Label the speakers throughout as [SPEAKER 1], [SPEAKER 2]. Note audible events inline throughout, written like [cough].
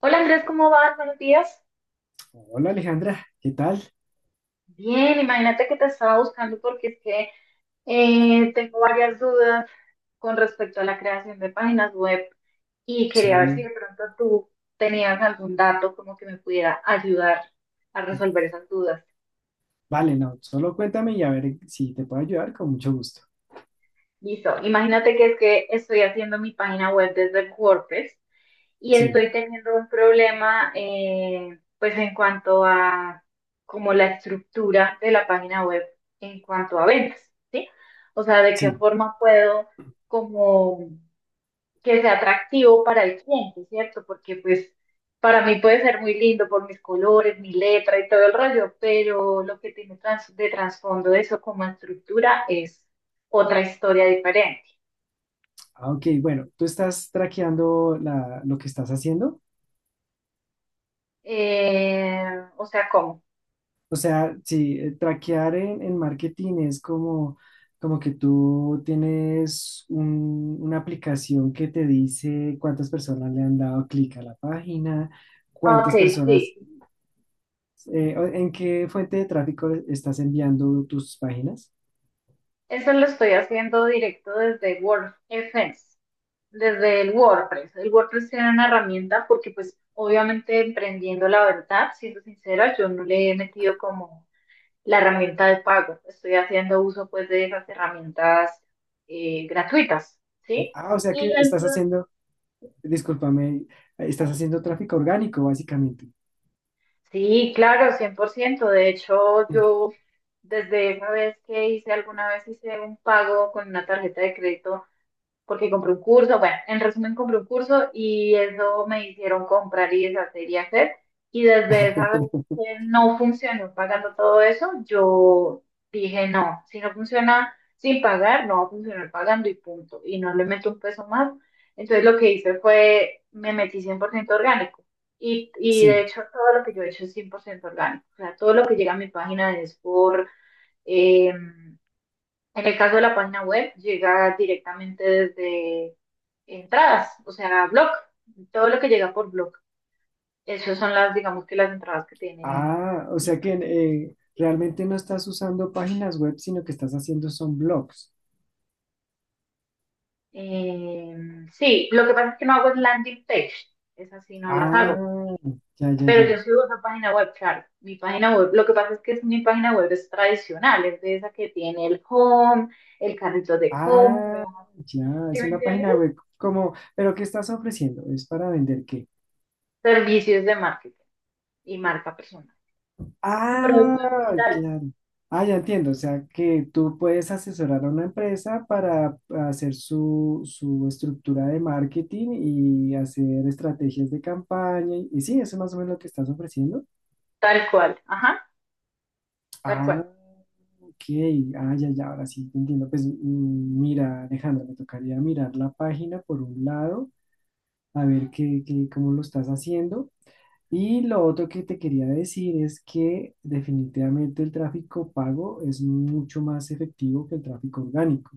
[SPEAKER 1] Hola Andrés, ¿cómo vas? Buenos días.
[SPEAKER 2] Hola Alejandra, ¿qué tal?
[SPEAKER 1] Bien, imagínate que te estaba buscando porque es que tengo varias dudas con respecto a la creación de páginas web y quería ver si
[SPEAKER 2] Sí,
[SPEAKER 1] de pronto tú tenías algún dato como que me pudiera ayudar a resolver esas dudas.
[SPEAKER 2] vale, no, solo cuéntame y a ver si te puedo ayudar con mucho gusto.
[SPEAKER 1] Listo, imagínate que es que estoy haciendo mi página web desde el WordPress y
[SPEAKER 2] Sí,
[SPEAKER 1] estoy teniendo un problema, pues en cuanto a como la estructura de la página web en cuanto a ventas, ¿sí? O sea, de qué
[SPEAKER 2] sí.
[SPEAKER 1] forma puedo como que sea atractivo para el cliente, ¿cierto? Porque pues para mí puede ser muy lindo por mis colores, mi letra y todo el rollo, pero lo que tiene de trasfondo eso como estructura es otra historia diferente.
[SPEAKER 2] Ah, ok, bueno, tú estás traqueando la- lo que estás haciendo.
[SPEAKER 1] Eh, o sea, ¿cómo?
[SPEAKER 2] O sea, sí, traquear en marketing es como, como que tú tienes un- una aplicación que te dice cuántas personas le han dado clic a la página,
[SPEAKER 1] Ok,
[SPEAKER 2] cuántas personas,
[SPEAKER 1] sí.
[SPEAKER 2] o- ¿en qué fuente de tráfico estás enviando tus páginas?
[SPEAKER 1] Eso lo estoy haciendo directo desde WordFence, desde el WordPress. El WordPress era una herramienta porque, pues, obviamente emprendiendo la verdad, siendo sincera, yo no le he metido como la herramienta de pago. Estoy haciendo uso, pues, de esas herramientas gratuitas, ¿sí?
[SPEAKER 2] Ah, o sea
[SPEAKER 1] Y
[SPEAKER 2] que estás
[SPEAKER 1] entonces-
[SPEAKER 2] haciendo... Discúlpame, estás haciendo tráfico orgánico, básicamente.
[SPEAKER 1] Sí, claro, 100%. De hecho,
[SPEAKER 2] Mm.
[SPEAKER 1] yo desde esa vez que alguna vez hice un pago con una tarjeta de crédito porque compré un curso, bueno, en resumen compré un curso y eso me hicieron comprar y deshacer y hacer. Y desde esa vez que no funcionó pagando todo eso, yo dije, no, si no funciona sin pagar, no va a funcionar pagando y punto. Y no le meto un peso más. Entonces lo que hice fue, me metí 100% orgánico. Y de
[SPEAKER 2] Sí.
[SPEAKER 1] hecho todo lo que yo he hecho es 100% orgánico. O sea, todo lo que llega a mi página es por em, en el caso de la página web, llega directamente desde entradas, o sea, blog, todo lo que llega por blog. Esas son digamos que las entradas que tiene.
[SPEAKER 2] Ah, o sea que realmente no estás usando páginas web, sino que estás haciendo son blogs.
[SPEAKER 1] Eh, sí, lo que pasa es que no hago es landing page, esas sí no las hago,
[SPEAKER 2] Ah, ya, ya,
[SPEAKER 1] pero yo
[SPEAKER 2] ya.
[SPEAKER 1] subo esa página web, claro, mi página web, lo que pasa es mi página web es tradicional, es de esa que tiene el home, el carrito de compra,
[SPEAKER 2] Ah, ya,
[SPEAKER 1] ¿sí
[SPEAKER 2] es
[SPEAKER 1] me
[SPEAKER 2] una
[SPEAKER 1] entiendes?
[SPEAKER 2] página web como, pero ¿qué estás ofreciendo? ¿Es para vender qué?
[SPEAKER 1] Servicios de marketing y marca personal. Y productos
[SPEAKER 2] Ah,
[SPEAKER 1] digitales.
[SPEAKER 2] claro. Ah, ya entiendo. O sea, que tú puedes asesorar a una empresa para hacer su, su estructura de marketing y hacer estrategias de campaña. Y sí, eso es más o menos lo que estás ofreciendo.
[SPEAKER 1] Tal cual, ajá, tal
[SPEAKER 2] Ah,
[SPEAKER 1] cual.
[SPEAKER 2] ok. Ah, ya, ya, ahora sí, te entiendo. Pues mm, mira, Alejandra, me tocaría mirar la página por un lado, a ver qué, qué, cómo lo estás haciendo. Y lo otro que te quería decir es que definitivamente el tráfico pago es mucho más efectivo que el tráfico orgánico.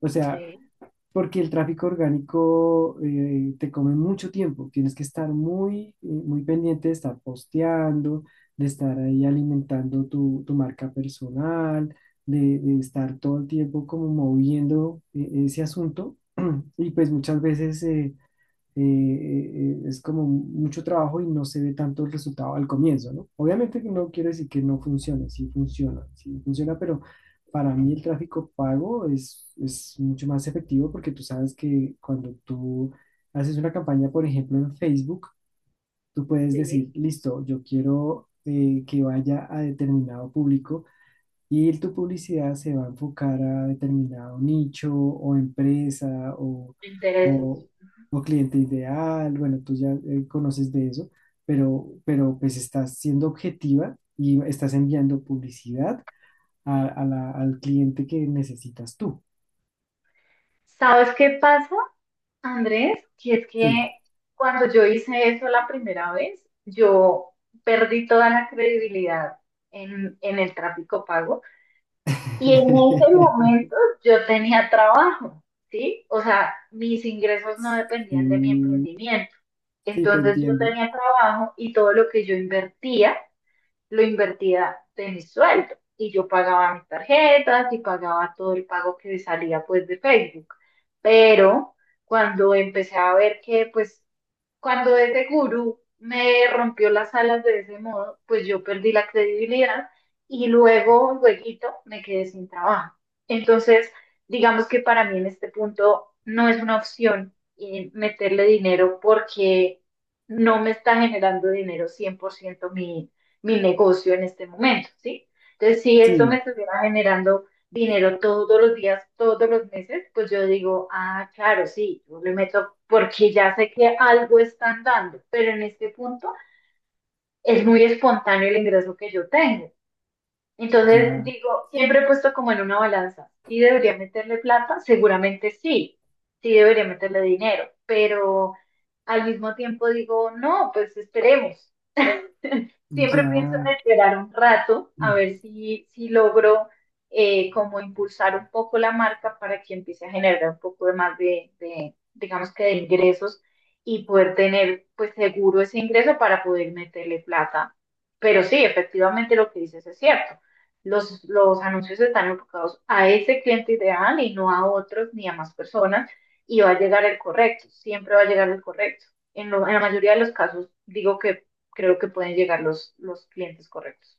[SPEAKER 2] O sea,
[SPEAKER 1] Sí,
[SPEAKER 2] porque el tráfico orgánico te come mucho tiempo. Tienes que estar muy, muy pendiente de estar posteando, de estar ahí alimentando tu, tu marca personal, de estar todo el tiempo como moviendo ese asunto. [clears throat] Y pues muchas veces eh, es como mucho trabajo y no se ve tanto el resultado al comienzo, ¿no? Obviamente que no quiero decir que no funcione, sí funciona, pero para mí el tráfico pago es mucho más efectivo porque tú sabes que cuando tú haces una campaña, por ejemplo, en Facebook, tú puedes
[SPEAKER 1] sí,
[SPEAKER 2] decir, listo, yo quiero que vaya a determinado público y tu publicidad se va a enfocar a determinado nicho o empresa
[SPEAKER 1] me interesa.
[SPEAKER 2] o, o cliente ideal. Bueno, tú ya conoces de eso, pero pues estás siendo objetiva y estás enviando publicidad a, al cliente que necesitas tú.
[SPEAKER 1] ¿Sabes qué pasa, Andrés? Que es
[SPEAKER 2] Sí.
[SPEAKER 1] que cuando yo hice eso la primera vez, yo perdí toda la credibilidad en el tráfico pago y en ese
[SPEAKER 2] [laughs]
[SPEAKER 1] momento yo tenía trabajo, ¿sí? O sea, mis ingresos no dependían de mi
[SPEAKER 2] Sí,
[SPEAKER 1] emprendimiento.
[SPEAKER 2] sí, te
[SPEAKER 1] Entonces yo
[SPEAKER 2] entiendo.
[SPEAKER 1] tenía trabajo y todo lo que yo invertía lo invertía de mi sueldo y yo pagaba mis tarjetas y pagaba todo el pago que salía pues de Facebook. Pero cuando empecé a ver que pues cuando ese gurú me rompió las alas de ese modo, pues yo perdí la credibilidad y luego, lueguito, me quedé sin trabajo. Entonces, digamos que para mí en este punto no es una opción meterle dinero porque no me está generando dinero 100% mi negocio en este momento, ¿sí? Entonces, si esto me
[SPEAKER 2] Sí,
[SPEAKER 1] estuviera generando dinero todos los días, todos los meses, pues yo digo, ah, claro, sí, yo le meto porque ya sé que algo están dando, pero en este punto es muy espontáneo el ingreso que yo tengo. Entonces
[SPEAKER 2] ya,
[SPEAKER 1] digo, siempre he puesto como en una balanza, ¿si debería meterle plata? Seguramente sí, sí debería meterle dinero, pero al mismo tiempo digo, no, pues esperemos. Siempre pienso en
[SPEAKER 2] ya.
[SPEAKER 1] esperar un rato a ver si logro como impulsar un poco la marca para que empiece a generar un poco de más digamos que de ingresos y poder tener pues seguro ese ingreso para poder meterle plata. Pero sí, efectivamente lo que dices es cierto. Los anuncios están enfocados a ese cliente ideal y no a otros ni a más personas y va a llegar el correcto, siempre va a llegar el correcto. En la mayoría de los casos digo que creo que pueden llegar los clientes correctos.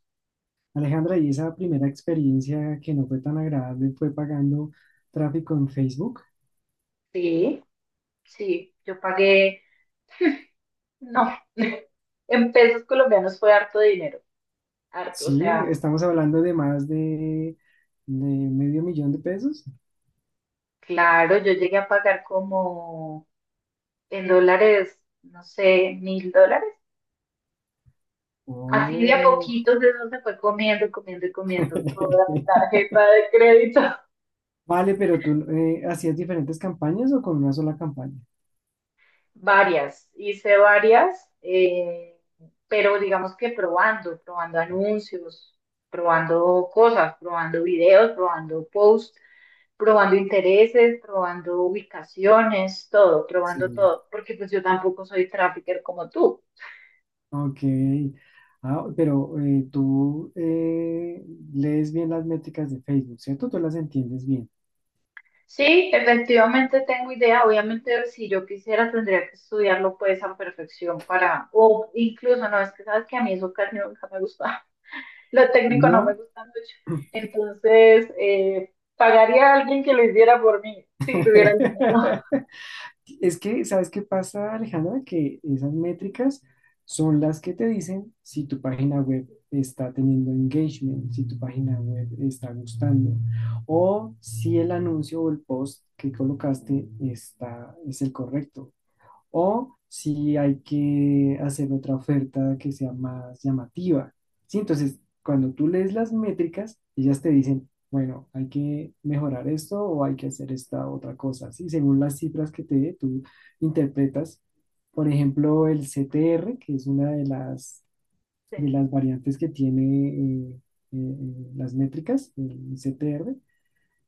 [SPEAKER 2] Alejandra, y esa primera experiencia que no fue tan agradable fue pagando tráfico en Facebook.
[SPEAKER 1] Sí, sí, yo pagué, no, [laughs] en pesos colombianos fue harto de dinero, harto, o
[SPEAKER 2] Sí,
[SPEAKER 1] sea,
[SPEAKER 2] estamos hablando de más de medio millón de pesos.
[SPEAKER 1] claro, yo llegué a pagar como en dólares, no sé, mil dólares. Así de a
[SPEAKER 2] Oh.
[SPEAKER 1] poquitos eso se fue comiendo, comiendo y comiendo toda mi
[SPEAKER 2] [laughs]
[SPEAKER 1] tarjeta de crédito.
[SPEAKER 2] Vale, pero tú hacías diferentes campañas o con una sola campaña.
[SPEAKER 1] Varias, hice varias, pero digamos que probando, probando anuncios, probando cosas, probando videos, probando posts, probando intereses, probando ubicaciones, todo,
[SPEAKER 2] Sí,
[SPEAKER 1] probando todo, porque pues yo tampoco soy trafficker como tú.
[SPEAKER 2] ok. Ah, pero tú lees bien las métricas de Facebook, ¿cierto? Tú las entiendes bien.
[SPEAKER 1] Sí, efectivamente tengo idea, obviamente si yo quisiera tendría que estudiarlo pues a perfección para, o incluso no, es que sabes que a mí eso casi nunca me gusta. Lo técnico no me
[SPEAKER 2] No.
[SPEAKER 1] gusta mucho. Entonces, pagaría a alguien que lo hiciera por mí, si tuviera el dinero.
[SPEAKER 2] [laughs] Es que, ¿sabes qué pasa, Alejandra? Que esas métricas son las que te dicen si tu página web está teniendo engagement, si tu página web está gustando, o si el anuncio o el post que colocaste está, es el correcto o si hay que hacer otra oferta que sea más llamativa. Sí, entonces, cuando tú lees las métricas, ellas te dicen, bueno, hay que mejorar esto o hay que hacer esta otra cosa. Sí, según las cifras que te dé, tú interpretas, por ejemplo, el CTR, que es una
[SPEAKER 1] Sí.
[SPEAKER 2] de las variantes que tiene eh, las métricas, el CTR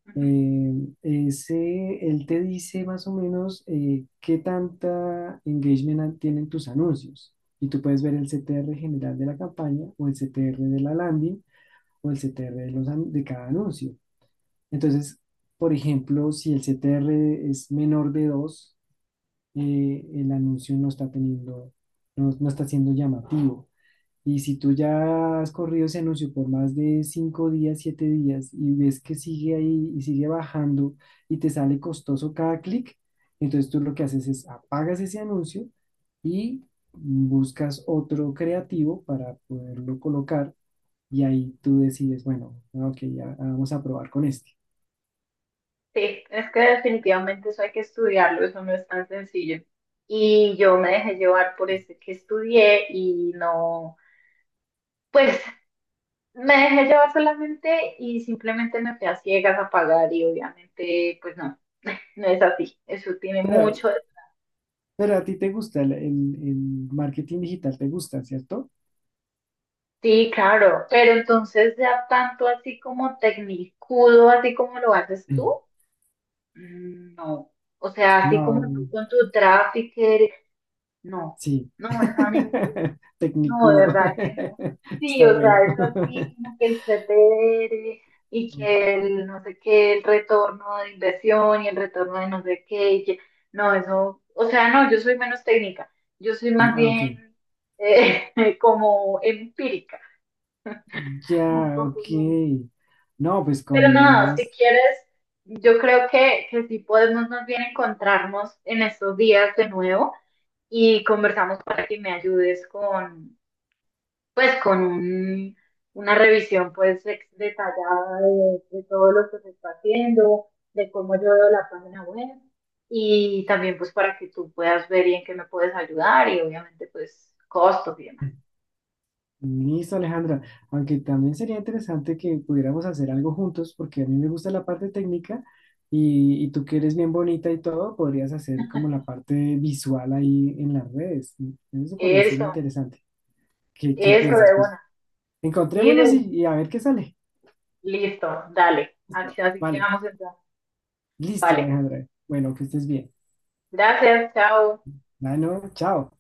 [SPEAKER 1] Ujú.
[SPEAKER 2] ese, él te dice más o menos qué tanta engagement an- tienen tus anuncios. Y tú puedes ver el CTR general de la campaña o el CTR de la landing o el CTR de, los, an- de cada anuncio. Entonces, por ejemplo, si el CTR es menor de 2, el anuncio no está teniendo, no, no está siendo llamativo. Y si tú ya has corrido ese anuncio por más de 5 días, 7 días, y ves que sigue ahí y sigue bajando y te sale costoso cada clic, entonces tú lo que haces es apagas ese anuncio y buscas otro creativo para poderlo colocar y ahí tú decides, bueno, ah, ok, ya ah, vamos a probar con este.
[SPEAKER 1] Sí, es que definitivamente eso hay que estudiarlo, eso no es tan sencillo. Y yo me dejé llevar por ese que estudié y no, pues me dejé llevar solamente y simplemente me fui a ciegas a pagar y obviamente pues no, [laughs] no es así. Eso tiene
[SPEAKER 2] Pero,
[SPEAKER 1] mucho.
[SPEAKER 2] pero a ti te gusta el, el marketing digital, te gusta, ¿cierto?
[SPEAKER 1] Sí, claro, pero entonces ya tanto así como tecnicudo, así como lo haces tú,
[SPEAKER 2] [clears throat]
[SPEAKER 1] mm, no. O sea, así como
[SPEAKER 2] No.
[SPEAKER 1] tú con tu trafficker, no,
[SPEAKER 2] Sí,
[SPEAKER 1] no, eso a mí no,
[SPEAKER 2] [laughs]
[SPEAKER 1] no, de
[SPEAKER 2] tecnicudo.
[SPEAKER 1] verdad que no.
[SPEAKER 2] [laughs]
[SPEAKER 1] Sí,
[SPEAKER 2] Está
[SPEAKER 1] o
[SPEAKER 2] bueno.
[SPEAKER 1] sea, es así
[SPEAKER 2] [laughs]
[SPEAKER 1] como que el CTR y que el no sé qué, el retorno de inversión y el retorno de no sé qué, no, eso, o sea, no, yo soy menos técnica, yo soy más
[SPEAKER 2] Ah, ok,
[SPEAKER 1] bien eh, [laughs] como empírica. Un
[SPEAKER 2] ya,
[SPEAKER 1] poco.
[SPEAKER 2] ok. No, pues
[SPEAKER 1] Pero
[SPEAKER 2] con
[SPEAKER 1] no, si
[SPEAKER 2] más.
[SPEAKER 1] quieres, yo creo que sí podemos más bien encontrarnos en estos días de nuevo y conversamos para que me ayudes con, pues, con una revisión, pues, detallada de todo lo que se está haciendo, de cómo yo veo la página web y también, pues, para que tú puedas ver y en qué me puedes ayudar y obviamente, pues, costos y demás.
[SPEAKER 2] Listo, Alejandra. Aunque también sería interesante que pudiéramos hacer algo juntos, porque a mí me gusta la parte técnica y tú que eres bien bonita y todo, podrías hacer como la parte visual ahí en las redes. Eso podría ser
[SPEAKER 1] Eso,
[SPEAKER 2] interesante. ¿Qué, qué
[SPEAKER 1] eso
[SPEAKER 2] piensas?
[SPEAKER 1] de
[SPEAKER 2] Pues
[SPEAKER 1] una. Sí, de
[SPEAKER 2] encontrémonos
[SPEAKER 1] una.
[SPEAKER 2] y a ver qué sale.
[SPEAKER 1] Listo, dale.
[SPEAKER 2] Listo.
[SPEAKER 1] Así así
[SPEAKER 2] Vale.
[SPEAKER 1] quedamos entonces.
[SPEAKER 2] Listo,
[SPEAKER 1] Vale.
[SPEAKER 2] Alejandra. Bueno, que estés bien.
[SPEAKER 1] Gracias, chao.
[SPEAKER 2] Bueno, chao.